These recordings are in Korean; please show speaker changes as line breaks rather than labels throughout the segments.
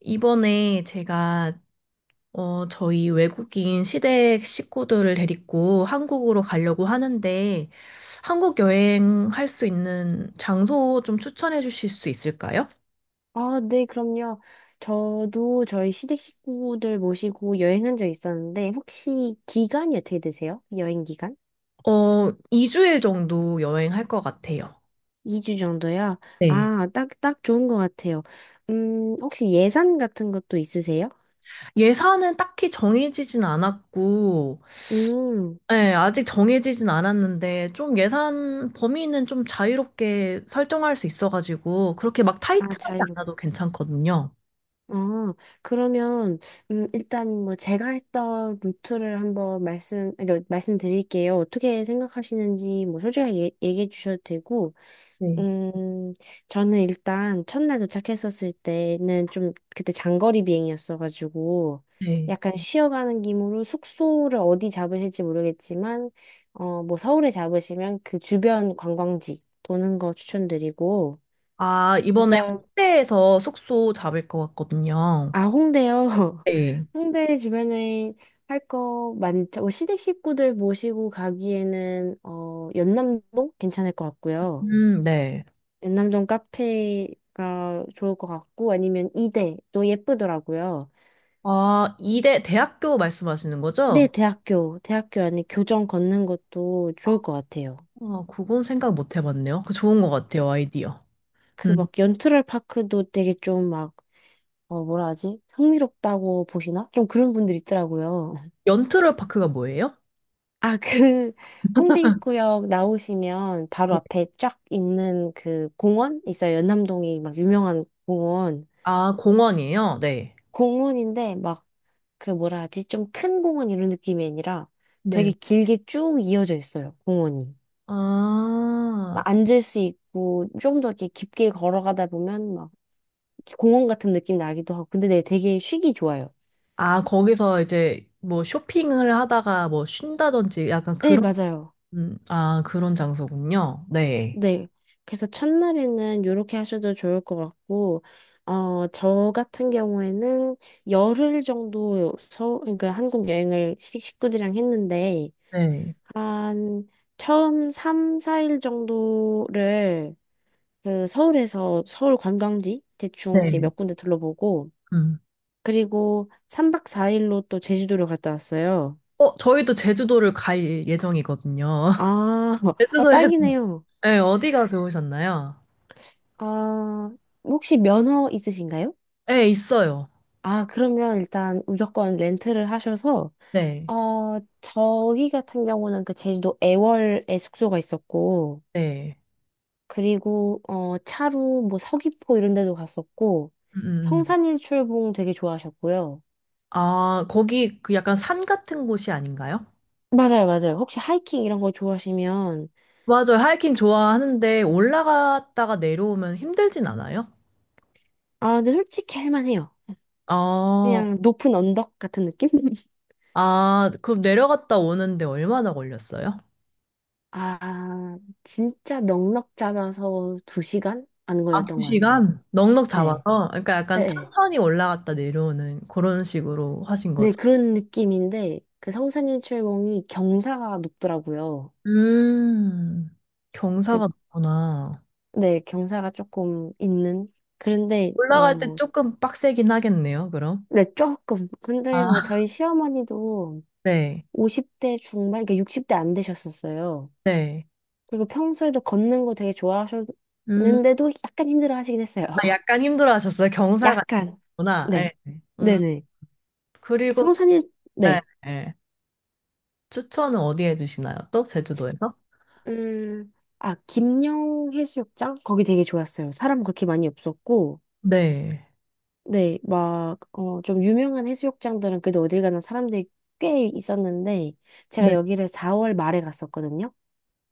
이번에 제가 저희 외국인 시댁 식구들을 데리고 한국으로 가려고 하는데 한국 여행할 수 있는 장소 좀 추천해 주실 수 있을까요?
아, 네, 그럼요. 저도 저희 시댁 식구들 모시고 여행한 적 있었는데, 혹시 기간이 어떻게 되세요? 여행 기간?
어, 2주일 정도 여행할 것 같아요.
2주 정도요?
네.
아, 딱 좋은 것 같아요. 혹시 예산 같은 것도 있으세요?
예산은 딱히 정해지진 않았고,
음,
네, 아직 정해지진 않았는데, 좀 예산 범위는 좀 자유롭게 설정할 수 있어가지고, 그렇게 막
아,
타이트하지
자유롭.
않아도 괜찮거든요.
어, 그러면, 일단 뭐 제가 했던 루트를 한번 말씀드릴게요. 어떻게 생각하시는지 뭐 솔직하게 얘기해 주셔도 되고,
네.
음, 저는 일단 첫날 도착했었을 때는 좀 그때 장거리 비행이었어가지고
네.
약간 쉬어가는 김으로 숙소를 어디 잡으실지 모르겠지만 뭐 서울에 잡으시면 그 주변 관광지 도는 거 추천드리고
아, 이번에
일단
홍대에서 숙소 잡을 것 같거든요.
아 홍대요.
네.
홍대 주변에 할 거 많죠. 뭐 시댁 식구들 모시고 가기에는 연남동 괜찮을 것 같고요.
네.
연남동 카페가 좋을 것 같고 아니면 이대도 예쁘더라고요.
아, 이대 대학교 말씀하시는
네,
거죠?
대학교 안에 교정 걷는 것도 좋을 것 같아요.
아, 그건 생각 못 해봤네요. 그거 좋은 것 같아요, 아이디어.
그
음.
막 연트럴 파크도 되게 좀 막, 어, 뭐라 하지? 흥미롭다고 보시나? 좀 그런 분들 있더라고요.
연트럴 파크가 뭐예요?
아, 그 홍대 입구역 나오시면 바로
네.
앞에 쫙 있는 그 공원 있어요. 연남동이 막 유명한 공원.
아, 공원이에요? 네.
공원인데 막 그 뭐라 하지? 좀 큰 공원 이런 느낌이 아니라
네.
되게 길게 쭉 이어져 있어요, 공원이.
아,
막 앉을 수 있고 좀 더 이렇게 깊게 걸어가다 보면 막 공원 같은 느낌 나기도 하고. 근데 네, 되게 쉬기 좋아요.
아, 거기서 이제 뭐 쇼핑을 하다가 뭐 쉰다든지 약간
네,
그런,
맞아요.
아, 그런 장소군요. 네.
네. 그래서 첫날에는 이렇게 하셔도 좋을 것 같고, 어, 저 같은 경우에는 10일 정도 서, 그러니까 한국 여행을 시- 식구들이랑 했는데,
네.
한 처음 3, 4일 정도를 그 서울에서 서울 관광지 대충 이렇게
네.
몇 군데 둘러보고
음.
그리고 3박 4일로 또 제주도를 갔다 왔어요.
어, 저희도 제주도를 갈 예정이거든요.
아, 아
제주도에도.
딱이네요.
네, 어디가 좋으셨나요?
아, 혹시 면허 있으신가요?
네, 있어요.
아, 그러면 일단 무조건 렌트를 하셔서
네,
어, 저희 같은 경우는 그 제주도 애월에 숙소가 있었고
네.
그리고 차로 뭐 서귀포 이런 데도 갔었고
음, 음, 음.
성산일출봉 되게 좋아하셨고요.
아, 거기 그 약간 산 같은 곳이 아닌가요?
맞아요, 맞아요. 혹시 하이킹 이런 거 좋아하시면,
맞아요. 하이킹 좋아하는데 올라갔다가 내려오면 힘들진 않아요?
아, 근데 솔직히 할만해요.
아,
그냥 높은 언덕 같은 느낌?
아, 그럼 내려갔다 오는데 얼마나 걸렸어요?
아, 진짜 넉넉 잡아서 2시간? 안
아, 두
걸렸던 것 같아요.
시간? 넉넉
네,
잡아서? 그러니까
네,
약간
네.
천천히 올라갔다 내려오는 그런 식으로 하신
네,
거죠?
그런 느낌인데, 그 성산일출봉이 경사가 높더라고요.
음,
그,
경사가 높구나.
네, 경사가 조금 있는. 그런데, 어,
올라갈 때
뭐,
조금 빡세긴 하겠네요, 그럼.
네, 조금. 근데 뭐
아,
저희 시어머니도
네,
50대 중반, 그러니까 60대 안 되셨었어요.
네.
그리고 평소에도 걷는 거 되게
음,
좋아하셨는데도 약간 힘들어 하시긴 했어요.
아, 약간 힘들어 하셨어요. 경사가
약간.
있구나. 네.
네.
음,
네네.
그리고,
성산일,
네,
네.
네. 추천은 어디에 주시나요? 또? 제주도에서?
음, 아, 김영 해수욕장? 거기 되게 좋았어요. 사람 그렇게 많이 없었고,
네.
네, 막, 어, 좀 유명한 해수욕장들은 그래도 어딜 가나 사람들이 꽤 있었는데, 제가
네.
여기를 4월 말에 갔었거든요.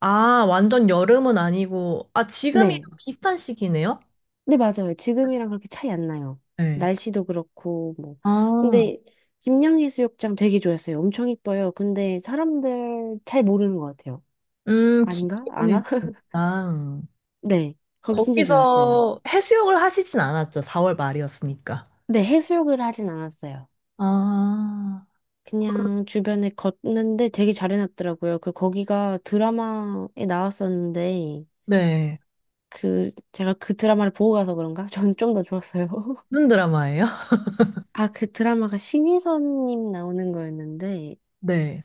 아, 완전 여름은 아니고, 아, 지금이
네.
비슷한 시기네요?
네, 맞아요. 지금이랑 그렇게 차이 안 나요.
네.
날씨도 그렇고, 뭐.
아,
근데, 김양해수욕장 되게 좋았어요. 엄청 이뻐요. 근데 사람들 잘 모르는 것 같아요. 아닌가?
기동이
아나?
좋다.
네. 거기 진짜 좋았어요.
거기서 해수욕을 하시진 않았죠. 4월 말이었으니까.
근데 해수욕을 하진 않았어요.
아, 그럼-
그냥 주변에 걷는데 되게 잘 해놨더라고요. 그, 거기가 드라마에 나왔었는데,
네.
그, 제가 그 드라마를 보고 가서 그런가? 전 좀 더 좋았어요.
무슨 드라마예요?
아, 그 드라마가 신희선님 나오는 거였는데,
네.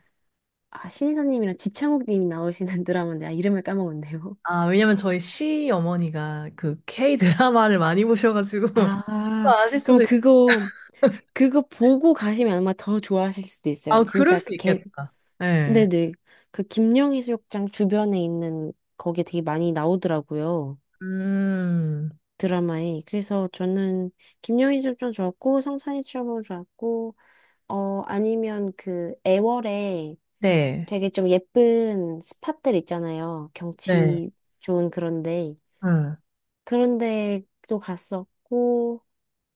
아, 신인사님이랑 지창욱님이 나오시는 드라마 데아 이름을 까먹었네요.
아, 왜냐면 저희 시 어머니가 그 K 드라마를 많이 보셔가지고 또
아,
아실 수도
그럼
있...
그거, 그거 보고 가시면 아마 더 좋아하실 수도 있어요.
아, 그럴
진짜 그
수
개,
있겠다. 네.
네네. 그 김녕해수욕장 주변에 있는 거기에 되게 많이 나오더라고요.
음,
드라마에. 그래서 저는 김녕해수욕장 좋았고, 성산이 추억도 좋았고, 아니면 그 애월에
네.
되게 좀 예쁜 스팟들 있잖아요.
네.
경치 좋은 그런데.
응.
그런 데도 갔었고,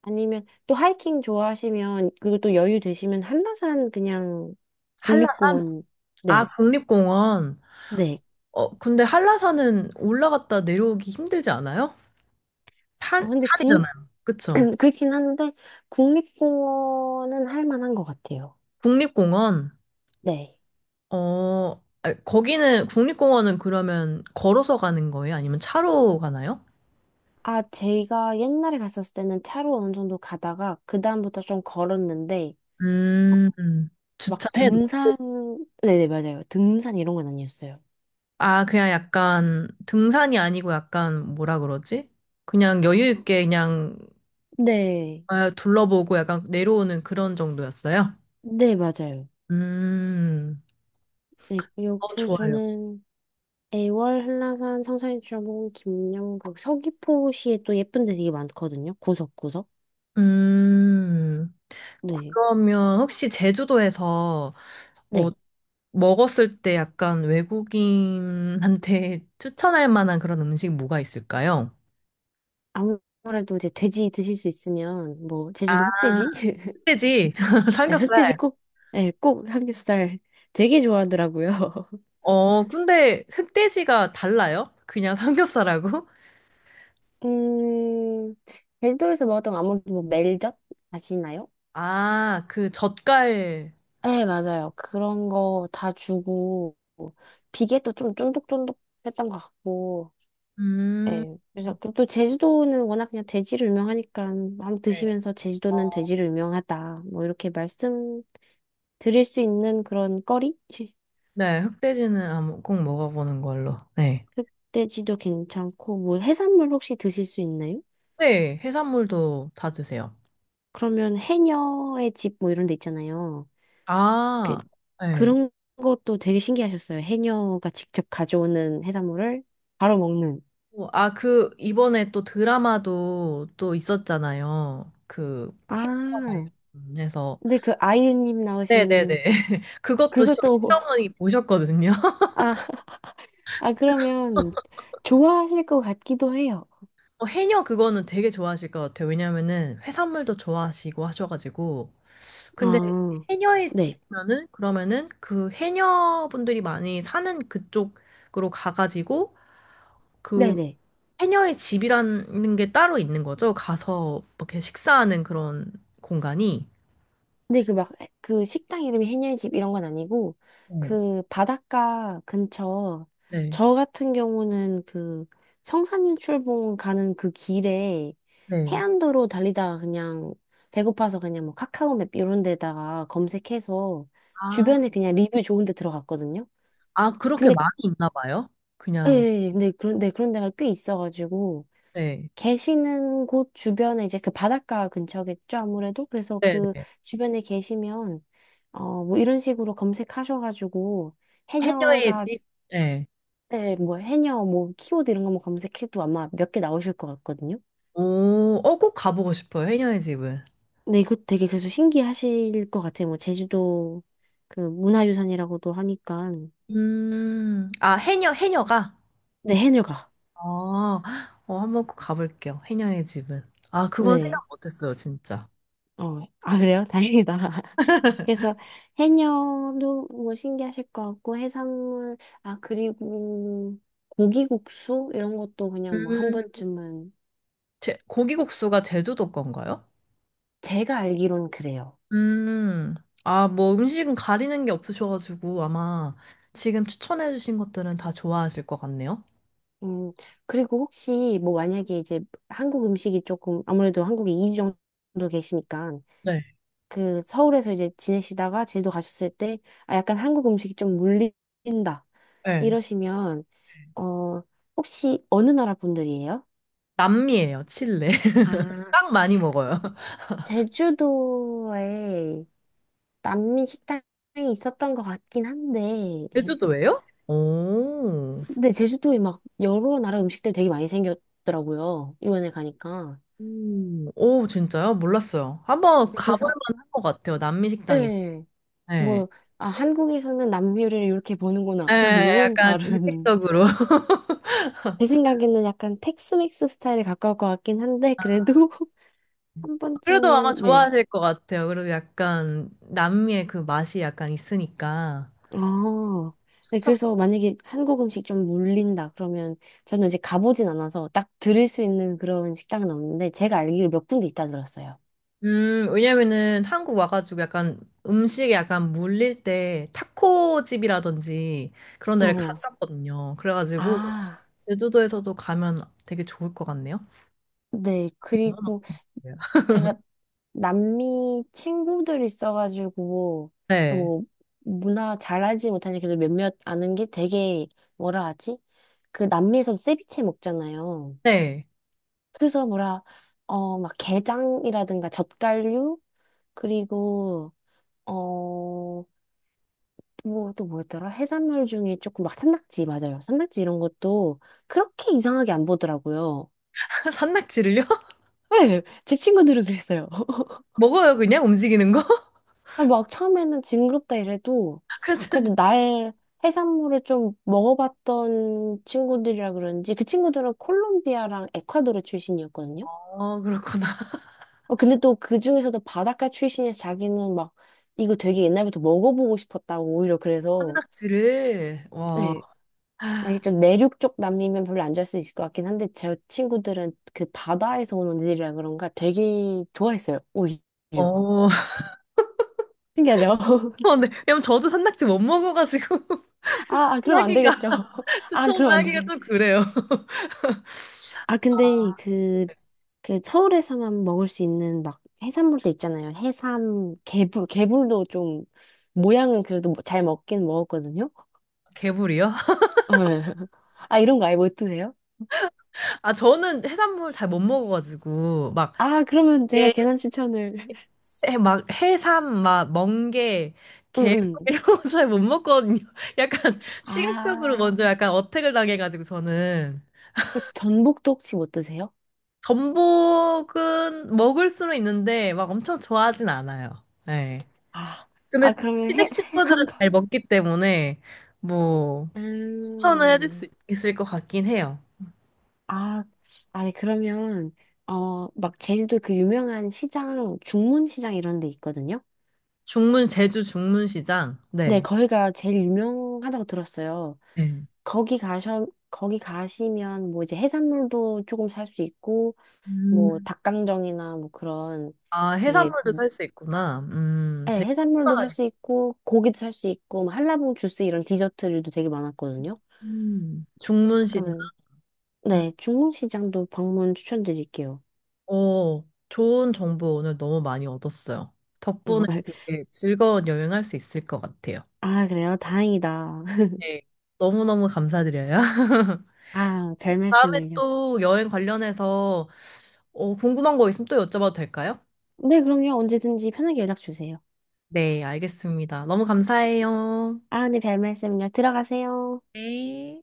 아니면 또 하이킹 좋아하시면, 그리고 또 여유 되시면 한라산 그냥
한라산?
국립공원,
아,
네,
국립공원.
네.
어, 근데 한라산은 올라갔다 내려오기 힘들지 않아요? 산,
아, 근데 국,
산이잖아요. 그쵸?
그렇긴 한데, 국립공원은 할 만한 것 같아요.
국립공원.
네.
어, 아, 거기는 국립공원은 그러면 걸어서 가는 거예요? 아니면 차로 가나요?
아, 제가 옛날에 갔었을 때는 차로 어느 정도 가다가, 그다음부터 좀 걸었는데,
음, 음.
막
주차해
등산,
놓고.
네네, 맞아요. 등산 이런 건 아니었어요.
아, 그냥 약간 등산이 아니고 약간 뭐라 그러지? 그냥 여유 있게 그냥
네.
아, 둘러보고 약간 내려오는 그런 정도였어요?
네, 맞아요.
음,
네, 요-
어,
그래서
좋아요.
저는 애월, 한라산, 성산일출봉, 김영국, 서귀포시에 또 예쁜 데 되게 많거든요. 구석구석.
음,
네.
그러면 혹시 제주도에서 어,
네.
먹었을 때 약간 외국인한테 추천할 만한 그런 음식 뭐가 있을까요?
아무래도 이제 돼지 드실 수 있으면, 뭐,
아,
제주도 흑돼지?
흑돼지,
네, 흑돼지
삼겹살.
꼭, 네, 꼭 삼겹살 되게 좋아하더라고요.
어, 근데 흑돼지가 달라요? 그냥 삼겹살하고?
음, 제주도에서 먹었던 거 아무래도 뭐 멜젓 아시나요?
아, 그 젓갈.
네, 맞아요. 그런 거 다 주고, 비계도 좀 쫀득쫀득했던 것 같고,
음,
예. 그래서 그또 제주도는 워낙 그냥 돼지로 유명하니까 한번
네.
드시면서 제주도는
어,
돼지로 유명하다. 뭐 이렇게 말씀 드릴 수 있는 그런 거리?
네, 꼭 먹어보는 걸로. 네.
흑돼지도 괜찮고 뭐 해산물 혹시 드실 수 있나요?
네, 해산물도 다 드세요.
그러면 해녀의 집 뭐 이런 데 있잖아요. 그
아, 네.
그런 것도 되게 신기하셨어요. 해녀가 직접 가져오는 해산물을 바로 먹는.
어, 아, 그, 이번에 또 드라마도 또 있었잖아요. 그, 해과
아,
관련해서.
근데 그 아이유님
네네네.
나오시는 그것도
시어머니 보셨거든요.
아, 그러면 좋아하실 것 같기도 해요.
어, 해녀 그거는 되게 좋아하실 것 같아요. 왜냐면은 해산물도 좋아하시고 하셔가지고. 근데
아,
해녀에
네.
지면은, 그러면은 그 해녀분들이 많이 사는 그쪽으로 가가지고, 그
네네.
해녀의 집이라는 게 따로 있는 거죠. 가서 이렇게 식사하는 그런 공간이.
근데 그 막, 그 식당 이름이 해녀집 이런 건 아니고,
네.
그 바닷가 근처,
네.
저 같은 경우는 그 성산인 출봉 가는 그 길에
네.
해안도로 달리다가 그냥 배고파서 그냥 뭐 카카오맵 이런 데다가 검색해서
아,
주변에 그냥 리뷰 좋은 데 들어갔거든요.
아, 그렇게
근데,
많이 있나 봐요?
예,
그냥,
예, 예. 근데 그런 데가 꽤 있어가지고,
네.
계시는 곳 주변에 이제 그 바닷가 근처겠죠, 아무래도. 그래서
네,
그
네.
주변에 계시면, 뭐 이런 식으로 검색하셔가지고,
해녀의
해녀가,
집? 네.
네, 뭐 해녀, 뭐 키워드 이런 거뭐 검색해도 아마 몇 개 나오실 것 같거든요.
오, 어, 꼭 가보고 싶어요, 해녀의 집은.
근데 이거 되게 그래서 신기하실 것 같아요. 뭐 제주도 그 문화유산이라고도 하니까.
아, 해녀, 해녀가?
네, 해녀가.
아, 어, 한번 꼭 가볼게요, 해녀의 집은. 아, 그건
네.
생각 못했어요, 진짜.
어, 아, 그래요? 다행이다. 그래서 해녀도 뭐 신기하실 것 같고, 해산물, 아, 그리고 고기국수? 이런 것도 그냥 뭐 한
음,
번쯤은,
제, 고기국수가 제주도 건가요?
제가 알기로는 그래요.
음, 아, 뭐 음식은 가리는 게 없으셔가지고 아마 지금 추천해주신 것들은 다 좋아하실 것 같네요.
음, 그리고 혹시 뭐 만약에 이제 한국 음식이 조금, 아무래도 한국에 2주 정도 계시니까,
네.
그 서울에서 이제 지내시다가 제주도 가셨을 때, 아, 약간 한국 음식이 좀 물린다.
네.
이러시면, 어, 혹시 어느 나라 분들이에요?
남미예요, 칠레.
아,
딱 많이 먹어요.
제주도에 남미 식당이 있었던 것 같긴 한데,
제주도예요? 오,
근데 제주도에 막 여러 나라 음식들 되게 많이 생겼더라고요. 유엔에 가니까.
오, 오, 진짜요? 몰랐어요. 한번
네,
가볼
그래서,
만한 것 같아요, 남미 식당이.
예,
네.
뭐, 아, 한국에서는 남미 요리를 이렇게 보는구나. 또
네,
이런
약간
다른.
이색적으로.
제 생각에는 약간 텍스맥스 스타일에 가까울 것 같긴 한데, 그래도 한
그래도 아마
번쯤은, 네,
좋아하실 것 같아요. 그리고 약간 남미의 그 맛이 약간 있으니까.
아, 네,
추천
그래서 만약에 한국 음식 좀 물린다 그러면 저는 이제 가보진 않아서 딱 들을 수 있는 그런 식당은 없는데 제가 알기로 몇 군데 있다 들었어요.
왜냐면은 한국 와가지고 약간 음식에 약간 물릴 때 타코집이라든지 그런 데를
어.
갔었거든요. 그래가지고
아,
제주도에서도 가면 되게 좋을 것 같네요.
네.
너무 맛
그리고
있요
제가 남미 친구들 있어가지고
네.
뭐 문화 잘 알지 못하니 그래도 몇몇 아는 게 되게 뭐라 하지? 그 남미에서 세비체 먹잖아요.
네.
그래서 뭐라 어 막 게장이라든가 젓갈류 그리고 어, 뭐, 또 뭐였더라? 해산물 중에 조금 막 산낙지, 맞아요. 산낙지 이런 것도 그렇게 이상하게 안 보더라고요.
산낙지를요?
네, 제 친구들은 그랬어요.
먹어요, 그냥 움직이는 거?
아, 막 처음에는 징그럽다 이래도
그래서,
그래도 날 해산물을 좀 먹어봤던 친구들이라 그런지 그 친구들은 콜롬비아랑 에콰도르 출신이었거든요.
어, 그렇구나.
어, 근데 또 그 중에서도 바닷가 출신이어서 자기는 막 이거 되게 옛날부터 먹어보고 싶었다고 오히려 그래서
산낙지를, 와. 어,
네, 만약에 좀 내륙 쪽 남미면 별로 안 좋아할 수 있을 것 같긴 한데 제 친구들은 그 바다에서 오는 일이라 그런가 되게 좋아했어요. 오히려. 신기하죠?
어, 네. 왜냐면 저도 산낙지 못 먹어가지고
아, 그럼 안
추천하기가,
되겠죠. 아,
추천을
그럼 안
하기가
돼.
좀 그래요.
아, 근데 그 서울에서만 먹을 수 있는 막 해산물도 있잖아요. 해삼, 개불도 좀 모양은 그래도 뭐잘 먹긴 먹었거든요.
개불이요?
아, 이런 거 아예 못 드세요?
아, 저는 해산물 잘 못 먹어가지고, 막,
아, 그러면 제가
예,
괜한 추천을.
해- 막, 해삼, 막, 멍게,
응,
게,
응.
이런 거 잘 못 먹거든요. 약간, 시각적으로
아.
먼저 약간 어택을 당해가지고, 저는.
그 전복도 혹시 못 드세요?
전복은 먹을 수는 있는데, 막 엄청 좋아하진 않아요. 예.
아,
근데
아, 그러면
시댁 식구들은
한 번.
잘 먹기 때문에, 뭐, 추천을 해줄 수
음,
있- 있을 것 같긴 해요.
아, 아니, 그러면, 어, 막 제주도 그 유명한 시장, 중문시장 이런 데 있거든요?
중문, 제주 중문시장.
네,
네.
거기가 제일 유명하다고 들었어요.
네.
거기 가셔, 거기 가시면 뭐 이제 해산물도 조금 살 수 있고, 뭐 닭강정이나 뭐 그런
아,
되게,
해산물도 살 수 있구나.
네,
되게
해산물도 살
신선하게.
수 있고, 고기도 살 수 있고, 뭐 한라봉 주스 이런 디저트류도 되게 많았거든요.
중문시장.
그러면
음,
네, 중국 시장도 방문 추천드릴게요.
어, 좋은 정보 오늘 너무 많이 얻었어요.
어,
덕분에 되게 즐거운 여행할 수 있을 것 같아요.
아, 그래요? 다행이다.
네. 너무너무 감사드려요.
아, 별
다음에
말씀을요.
또 여행 관련해서 어, 궁금한 거 있으면 또 여쭤봐도 될까요?
네, 그럼요. 언제든지 편하게 연락 주세요.
네, 알겠습니다. 너무 감사해요.
아, 네, 별 말씀을요. 들어가세요.
네.